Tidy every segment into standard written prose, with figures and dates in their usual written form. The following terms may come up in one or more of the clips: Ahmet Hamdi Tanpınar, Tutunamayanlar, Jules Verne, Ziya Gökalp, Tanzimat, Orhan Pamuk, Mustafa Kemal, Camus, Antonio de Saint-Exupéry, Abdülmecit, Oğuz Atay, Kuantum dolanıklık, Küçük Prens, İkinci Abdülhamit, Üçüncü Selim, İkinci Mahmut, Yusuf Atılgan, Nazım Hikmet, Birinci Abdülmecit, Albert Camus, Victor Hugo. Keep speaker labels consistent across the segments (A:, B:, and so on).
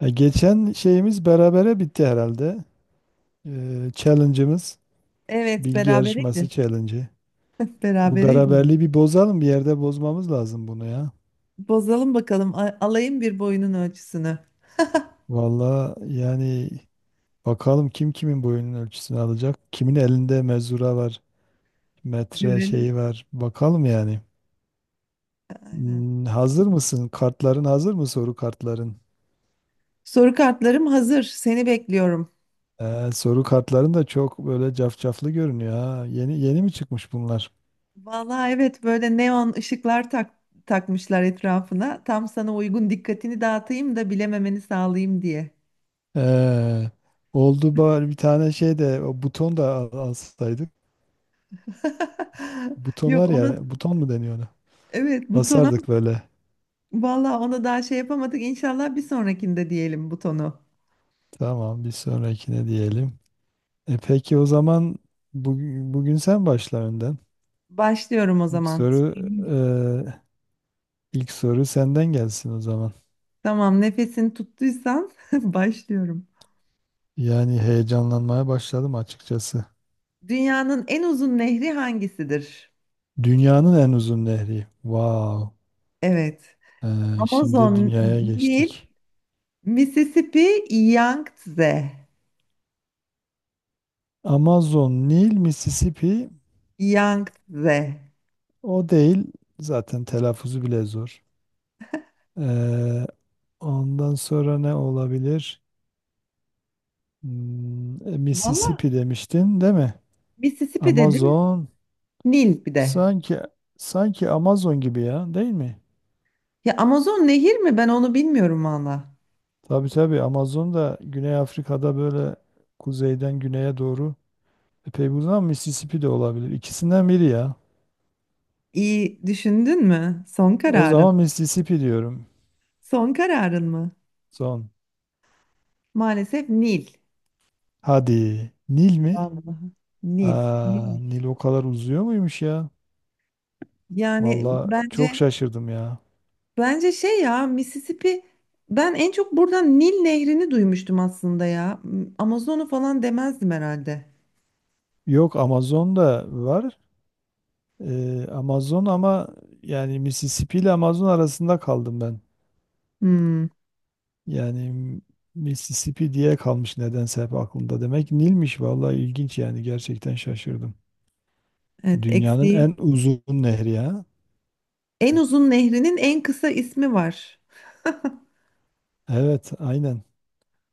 A: Geçen şeyimiz berabere bitti herhalde. Challenge'ımız,
B: Evet,
A: bilgi yarışması
B: berabereydi.
A: challenge'ı. Bu
B: Berabereydi.
A: beraberliği bir bozalım, bir yerde bozmamız lazım bunu ya.
B: Bozalım bakalım. Alayım bir boyunun ölçüsünü.
A: Valla yani bakalım kim kimin boyunun ölçüsünü alacak. Kimin elinde mezura var, metre
B: Görelim.
A: şeyi var. Bakalım yani.
B: Aynen.
A: Hazır mısın? Kartların hazır mı, soru kartların?
B: Soru kartlarım hazır. Seni bekliyorum.
A: Soru kartların da çok böyle cafcaflı görünüyor ha. Yeni yeni mi çıkmış bunlar?
B: Vallahi evet, böyle neon ışıklar takmışlar etrafına. Tam sana uygun, dikkatini dağıtayım da bilememeni sağlayayım diye.
A: Ee, Oldu bari bir tane şey de o buton da alsaydık. Buton
B: Yok,
A: var
B: ona
A: ya, buton mu deniyor ona?
B: evet, butona,
A: Basardık böyle.
B: vallahi ona daha şey yapamadık. İnşallah bir sonrakinde diyelim butonu.
A: Tamam, bir sonrakine diyelim. E peki o zaman bugün sen başla önden.
B: Başlıyorum o
A: İlk
B: zaman.
A: soru ilk soru senden gelsin o zaman.
B: Tamam, nefesini tuttuysan başlıyorum.
A: Yani heyecanlanmaya başladım açıkçası.
B: Dünyanın en uzun nehri hangisidir?
A: Dünyanın en uzun nehri. Wow.
B: Evet.
A: Şimdi de
B: Amazon,
A: dünyaya
B: Nil,
A: geçtik.
B: Mississippi, Yangtze.
A: Amazon, Nil, Mississippi.
B: Yangtze.
A: O değil. Zaten telaffuzu bile zor. Ee, Ondan sonra ne olabilir?
B: Valla
A: Mississippi demiştin, değil mi?
B: Mississippi dedim,
A: Amazon.
B: Nil bir de.
A: Sanki sanki Amazon gibi ya, değil mi?
B: Ya Amazon nehir mi? Ben onu bilmiyorum valla.
A: Tabii tabii, Amazon da Güney Afrika'da böyle kuzeyden güneye doğru epey uzun, ama Mississippi de olabilir. İkisinden biri ya.
B: İyi düşündün mü? Son
A: O
B: kararın.
A: zaman Mississippi diyorum.
B: Son kararın mı?
A: Son.
B: Maalesef Nil.
A: Hadi. Nil mi?
B: Vallahi. Nil.
A: Aa,
B: Nil.
A: Nil o kadar uzuyor muymuş ya?
B: Yani
A: Valla çok
B: bence
A: şaşırdım ya.
B: Bence şey ya, Mississippi, ben en çok buradan Nil Nehri'ni duymuştum aslında ya. Amazon'u falan demezdim herhalde.
A: Yok, Amazon'da var. Amazon ama yani Mississippi ile Amazon arasında kaldım ben.
B: Hmm,
A: Yani Mississippi diye kalmış nedense hep aklımda. Demek Nil'miş, valla ilginç, yani gerçekten şaşırdım.
B: evet
A: Dünyanın
B: eksiği.
A: en uzun nehri ya.
B: En uzun nehrinin en kısa ismi var.
A: Evet, aynen.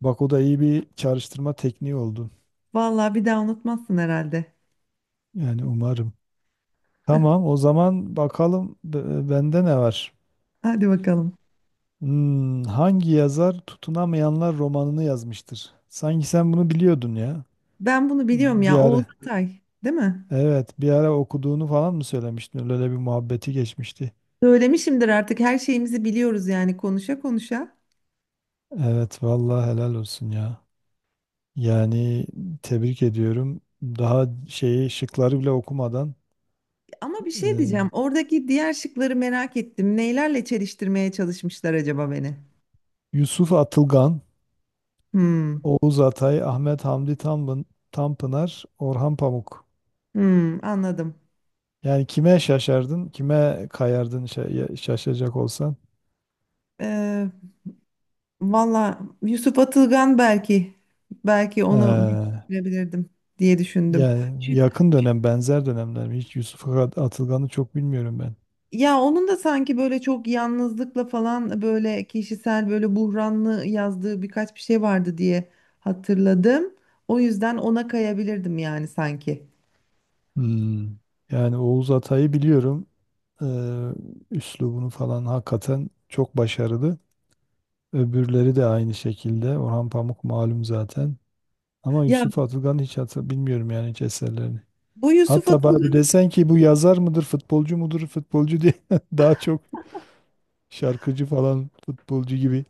A: Bak, o da iyi bir çağrıştırma tekniği oldu.
B: Vallahi bir daha unutmazsın herhalde.
A: Yani umarım. Tamam, o zaman bakalım, bende ne var?
B: Hadi bakalım.
A: Hangi yazar Tutunamayanlar romanını yazmıştır? Sanki sen bunu biliyordun ya.
B: Ben bunu biliyorum
A: Bir
B: ya, Oğuz
A: ara.
B: Atay değil mi?
A: Evet, bir ara okuduğunu falan mı söylemiştin? Öyle bir muhabbeti geçmişti.
B: Söylemişimdir artık, her şeyimizi biliyoruz yani, konuşa konuşa.
A: Evet, vallahi helal olsun ya. Yani tebrik ediyorum. Daha şeyi, şıkları bile okumadan
B: Ama bir şey diyeceğim,
A: e,
B: oradaki diğer şıkları merak ettim. Neylerle çeliştirmeye çalışmışlar acaba beni?
A: Yusuf Atılgan,
B: Hmm.
A: Oğuz Atay, Ahmet Hamdi Tanpınar, Orhan Pamuk.
B: Hmm, anladım.
A: Yani kime şaşardın, kime kayardın şaşacak olsan?
B: Eee valla Yusuf Atılgan, belki onu bir
A: Ee,
B: düşünebilirdim diye düşündüm.
A: Yani
B: Çü-
A: yakın
B: çü-
A: dönem, benzer dönemler mi? Hiç Yusuf Atılgan'ı çok bilmiyorum ben.
B: Ya, onun da sanki böyle çok yalnızlıkla falan, böyle kişisel, böyle buhranlı yazdığı birkaç bir şey vardı diye hatırladım. O yüzden ona kayabilirdim yani sanki.
A: Hmm. Yani Oğuz Atay'ı biliyorum. Ee, Üslubunu falan hakikaten çok başarılı. Öbürleri de aynı şekilde. Orhan Pamuk malum zaten. Ama
B: Ya,
A: Yusuf Atılgan hiç bilmiyorum yani, hiç eserlerini.
B: bu Yusuf
A: Hatta
B: Atılgan,
A: bana desen ki bu yazar mıdır, futbolcu mudur, futbolcu diye daha çok şarkıcı falan, futbolcu gibi.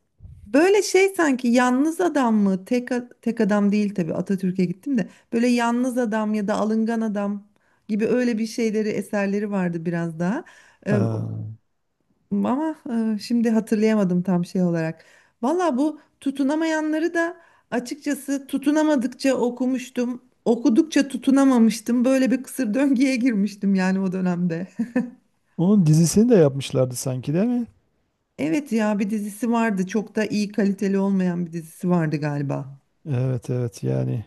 B: böyle şey sanki, yalnız adam mı? Tek adam değil tabii. Atatürk'e gittim de. Böyle yalnız adam ya da alıngan adam gibi, öyle bir şeyleri, eserleri vardı biraz daha. Ee,
A: Ha.
B: ama şimdi hatırlayamadım tam şey olarak. Valla bu tutunamayanları da açıkçası tutunamadıkça okumuştum. Okudukça tutunamamıştım. Böyle bir kısır döngüye girmiştim yani o dönemde.
A: Onun dizisini de yapmışlardı sanki, değil mi?
B: Evet ya, bir dizisi vardı. Çok da iyi, kaliteli olmayan bir dizisi vardı galiba.
A: Evet, evet, yani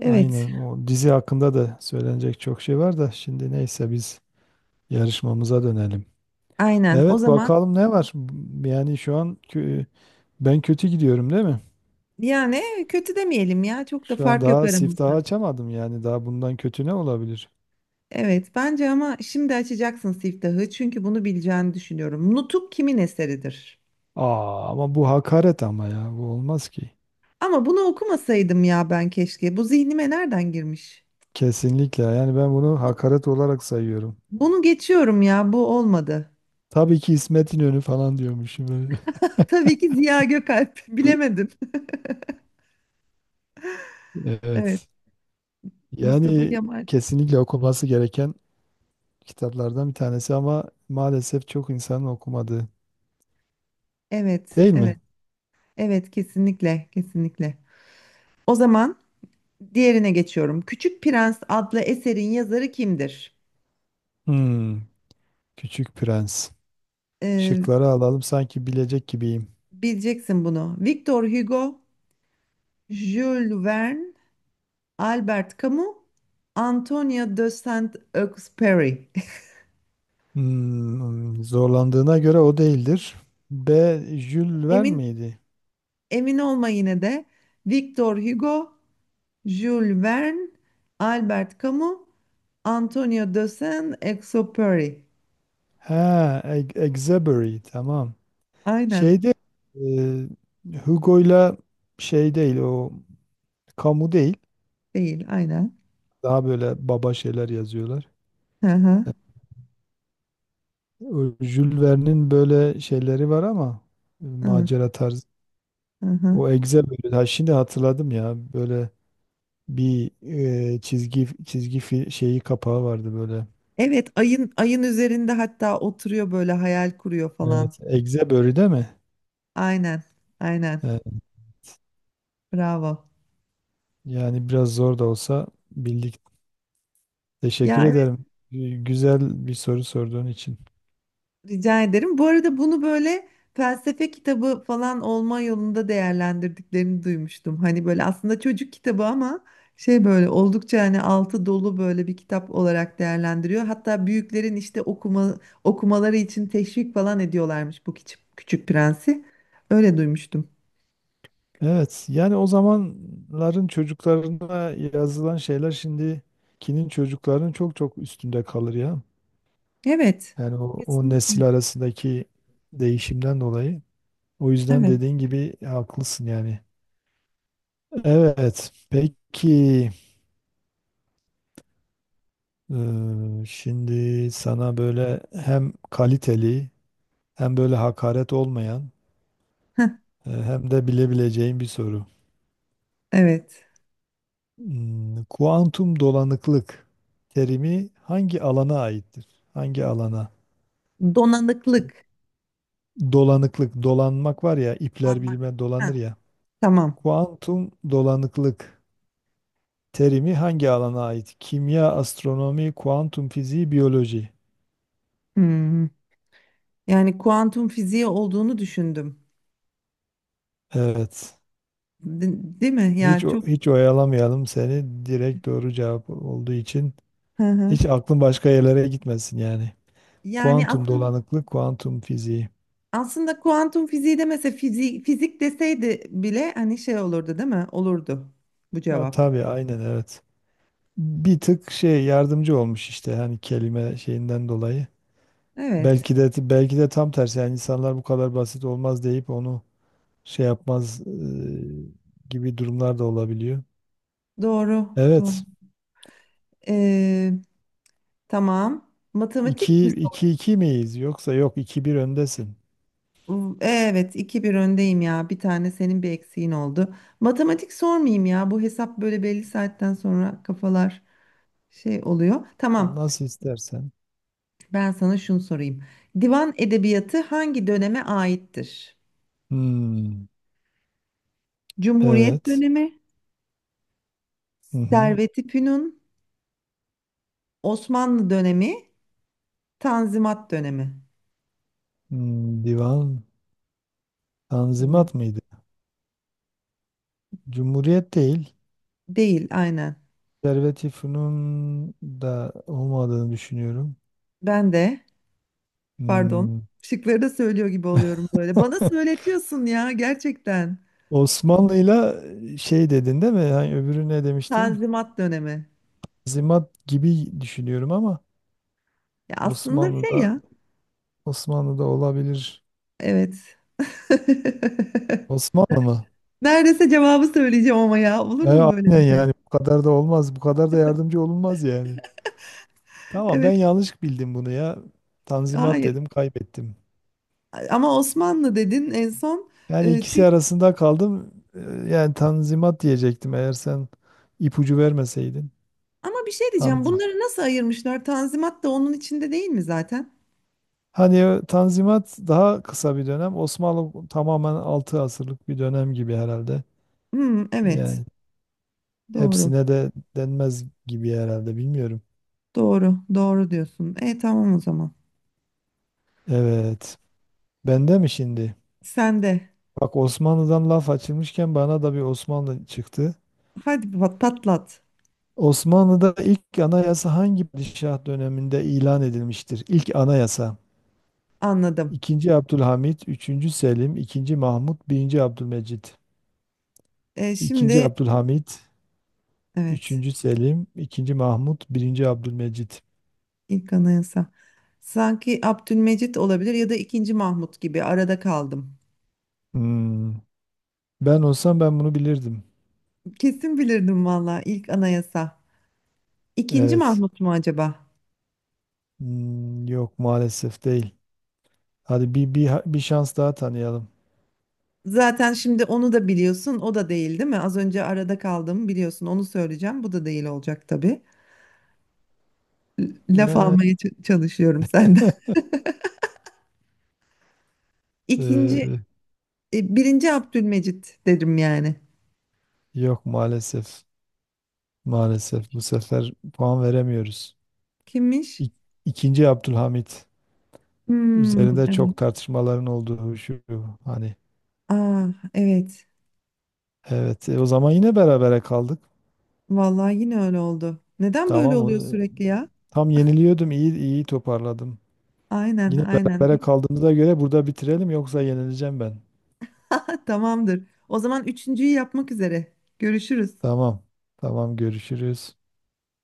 B: Evet.
A: aynen, o dizi hakkında da söylenecek çok şey var da, şimdi neyse, biz yarışmamıza dönelim.
B: Aynen. O
A: Evet,
B: zaman,
A: bakalım ne var? Yani şu an ben kötü gidiyorum, değil mi?
B: yani kötü demeyelim ya. Çok da
A: Şu an
B: fark yok
A: daha siftahı
B: aramızda.
A: açamadım, yani daha bundan kötü ne olabilir?
B: Evet, bence ama şimdi açacaksın siftahı çünkü bunu bileceğini düşünüyorum. Nutuk kimin eseridir?
A: Aa, ama bu hakaret ama ya, bu olmaz ki.
B: Ama bunu okumasaydım ya ben, keşke. Bu zihnime nereden girmiş?
A: Kesinlikle, yani ben bunu
B: Bu-
A: hakaret olarak sayıyorum.
B: bunu geçiyorum ya, bu olmadı.
A: Tabii ki İsmet İnönü falan diyormuşum.
B: Tabii ki Ziya Gökalp. Bilemedim. Evet,
A: Evet.
B: Mustafa
A: Yani
B: Kemal.
A: kesinlikle okunması gereken kitaplardan bir tanesi, ama maalesef çok insanın okumadığı.
B: Evet,
A: Değil mi?
B: evet, evet, kesinlikle, kesinlikle. O zaman diğerine geçiyorum. Küçük Prens adlı eserin yazarı kimdir?
A: Hmm, Küçük Prens.
B: Ee,
A: Şıkları alalım, sanki bilecek gibiyim.
B: Bileceksin bunu. Victor Hugo, Jules Verne, Albert Camus, Antonio de Saint-Exupéry.
A: Zorlandığına göre o değildir. B. Jules Verne
B: Emin
A: miydi?
B: emin olma yine de. Victor Hugo, Jules Verne, Albert Camus, Antonio de Saint-Exupéry.
A: Ha, Exebury, tamam.
B: Aynen,
A: Şeyde Hugo'yla şey değil o, Camus değil.
B: değil, aynen.
A: Daha böyle baba şeyler yazıyorlar.
B: Hı hı,
A: O Jules Verne'in böyle şeyleri var ama
B: hı
A: macera tarzı.
B: hı.
A: O Excel böyle. Ha, şimdi hatırladım ya. Böyle bir çizgi çizgi şeyi, kapağı vardı böyle.
B: Evet, ayın üzerinde hatta oturuyor, böyle hayal kuruyor falan.
A: Evet. Egze börü, değil mi?
B: Aynen, aynen.
A: Evet.
B: Bravo.
A: Yani biraz zor da olsa bildik. Teşekkür
B: Ya,
A: ederim. Güzel bir soru sorduğun için.
B: rica ederim. Bu arada bunu böyle felsefe kitabı falan olma yolunda değerlendirdiklerini duymuştum. Hani böyle aslında çocuk kitabı ama şey, böyle oldukça, hani altı dolu böyle bir kitap olarak değerlendiriyor. Hatta büyüklerin işte okumaları için teşvik falan ediyorlarmış bu küçük, Küçük Prensi. Öyle duymuştum.
A: Evet. Yani o zamanların çocuklarına yazılan şeyler, şimdikinin çocuklarının çok çok üstünde kalır ya.
B: Evet.
A: Yani o
B: Kesinlikle.
A: nesil arasındaki değişimden dolayı. O yüzden
B: Evet.
A: dediğin gibi haklısın yani. Evet. Peki şimdi sana böyle hem kaliteli, hem böyle hakaret olmayan,
B: Heh,
A: hem de bilebileceğin bir soru.
B: evet.
A: Kuantum dolanıklık terimi hangi alana aittir? Hangi alana?
B: Donanıklık.
A: Dolanıklık, dolanmak var ya, ipler
B: Donanmak.
A: bilme
B: Heh,
A: dolanır ya.
B: tamam.
A: Kuantum dolanıklık terimi hangi alana ait? Kimya, astronomi, kuantum fiziği, biyoloji.
B: Hmm. Yani kuantum fiziği olduğunu düşündüm.
A: Evet.
B: Değil mi? Yani
A: Hiç
B: çok.
A: hiç oyalamayalım seni. Direkt doğru cevap olduğu için
B: Hı hı.
A: hiç aklın başka yerlere gitmesin yani.
B: Yani
A: Kuantum
B: aslında
A: dolanıklık, kuantum fiziği.
B: aslında kuantum fiziği de, mesela fizik, fizik deseydi bile hani şey olurdu değil mi? Olurdu bu
A: Ha,
B: cevap.
A: tabii, aynen, evet. Bir tık şey yardımcı olmuş işte, hani kelime şeyinden dolayı.
B: Evet.
A: Belki de tam tersi, yani insanlar bu kadar basit olmaz deyip onu şey yapmaz gibi durumlar da olabiliyor.
B: Doğru. Doğru.
A: Evet.
B: Ee, tamam. Matematik
A: 2
B: mi
A: 2
B: sor?
A: 2 miyiz, yoksa yok, iki bir öndesin.
B: Evet, 2-1 öndeyim ya. Bir tane senin bir eksiğin oldu. Matematik sormayayım ya. Bu hesap, böyle belli saatten sonra kafalar şey oluyor.
A: Tam
B: Tamam.
A: nasıl istersen.
B: Ben sana şunu sorayım. Divan edebiyatı hangi döneme aittir?
A: Hmm,
B: Cumhuriyet
A: evet.
B: dönemi,
A: Hı hı.
B: Servet-i Fünun, Osmanlı dönemi, Tanzimat dönemi.
A: Hmm, divan
B: Oluyor.
A: Tanzimat mıydı? Cumhuriyet değil.
B: Değil, aynen.
A: Konservatifunun da olmadığını düşünüyorum.
B: Ben de, pardon,
A: Hmm.
B: şıkları da söylüyor gibi oluyorum böyle. Bana söyletiyorsun ya gerçekten.
A: Osmanlı'yla şey dedin, değil mi? Yani öbürü ne demiştin?
B: Tanzimat dönemi.
A: Tanzimat gibi düşünüyorum ama
B: Ya, aslında şey
A: Osmanlı'da
B: ya,
A: Osmanlı'da olabilir.
B: evet.
A: Osmanlı mı?
B: Neredeyse cevabı söyleyeceğim, ama ya olur
A: E,
B: mu böyle
A: aynen,
B: bir şey?
A: yani bu kadar da olmaz. Bu kadar da yardımcı olunmaz yani. Tamam,
B: Evet,
A: ben yanlış bildim bunu ya. Tanzimat
B: hayır.
A: dedim, kaybettim.
B: Ama Osmanlı dedin en son.
A: Yani
B: E,
A: ikisi
B: Çünkü
A: arasında kaldım. Yani Tanzimat diyecektim, eğer sen ipucu vermeseydin.
B: Ama bir şey diyeceğim.
A: Tanz-
B: Bunları nasıl ayırmışlar? Tanzimat da onun içinde değil mi zaten?
A: Hani o Tanzimat daha kısa bir dönem. Osmanlı tamamen 6 asırlık bir dönem gibi herhalde.
B: Hmm, evet.
A: Yani
B: Doğru.
A: hepsine de denmez gibi herhalde, bilmiyorum.
B: Doğru. Doğru diyorsun. Tamam o zaman.
A: Evet. Bende mi şimdi?
B: Sen de.
A: Bak, Osmanlı'dan laf açılmışken bana da bir Osmanlı çıktı.
B: Hadi patlat.
A: Osmanlı'da ilk anayasa hangi padişah döneminde ilan edilmiştir? İlk anayasa.
B: Anladım.
A: İkinci Abdülhamit, üçüncü Selim, ikinci Mahmut, birinci Abdülmecit.
B: E,
A: İkinci
B: şimdi
A: Abdülhamit,
B: evet.
A: üçüncü Selim, ikinci Mahmut, birinci Abdülmecit.
B: ilk anayasa. Sanki Abdülmecit olabilir ya da II. Mahmut gibi, arada kaldım.
A: Hmm. Ben olsam ben bunu bilirdim.
B: Kesin bilirdim valla, ilk anayasa. İkinci
A: Evet.
B: Mahmut mu acaba?
A: Yok maalesef, değil. Hadi bir şans daha tanıyalım.
B: Zaten şimdi onu da biliyorsun. O da değil, değil mi? Az önce arada kaldım, biliyorsun. Onu söyleyeceğim. Bu da değil olacak tabii. Laf
A: Ya,
B: almaya çalışıyorum senden.
A: Ee,
B: İkinci, I. Abdülmecit derim yani.
A: yok maalesef. Maalesef bu sefer puan veremiyoruz.
B: Kimmiş?
A: İk- İkinci Abdülhamit.
B: Hmm,
A: Üzerinde
B: evet.
A: çok tartışmaların olduğu şu, hani.
B: Aa, evet.
A: Evet, o zaman yine berabere kaldık.
B: Vallahi yine öyle oldu. Neden böyle
A: Tamam,
B: oluyor sürekli ya?
A: tam yeniliyordum, iyi iyi toparladım.
B: Aynen,
A: Yine
B: aynen.
A: berabere kaldığımıza göre burada bitirelim, yoksa yenileceğim ben.
B: Tamamdır. O zaman üçüncüyü yapmak üzere. Görüşürüz.
A: Tamam, tamam, görüşürüz.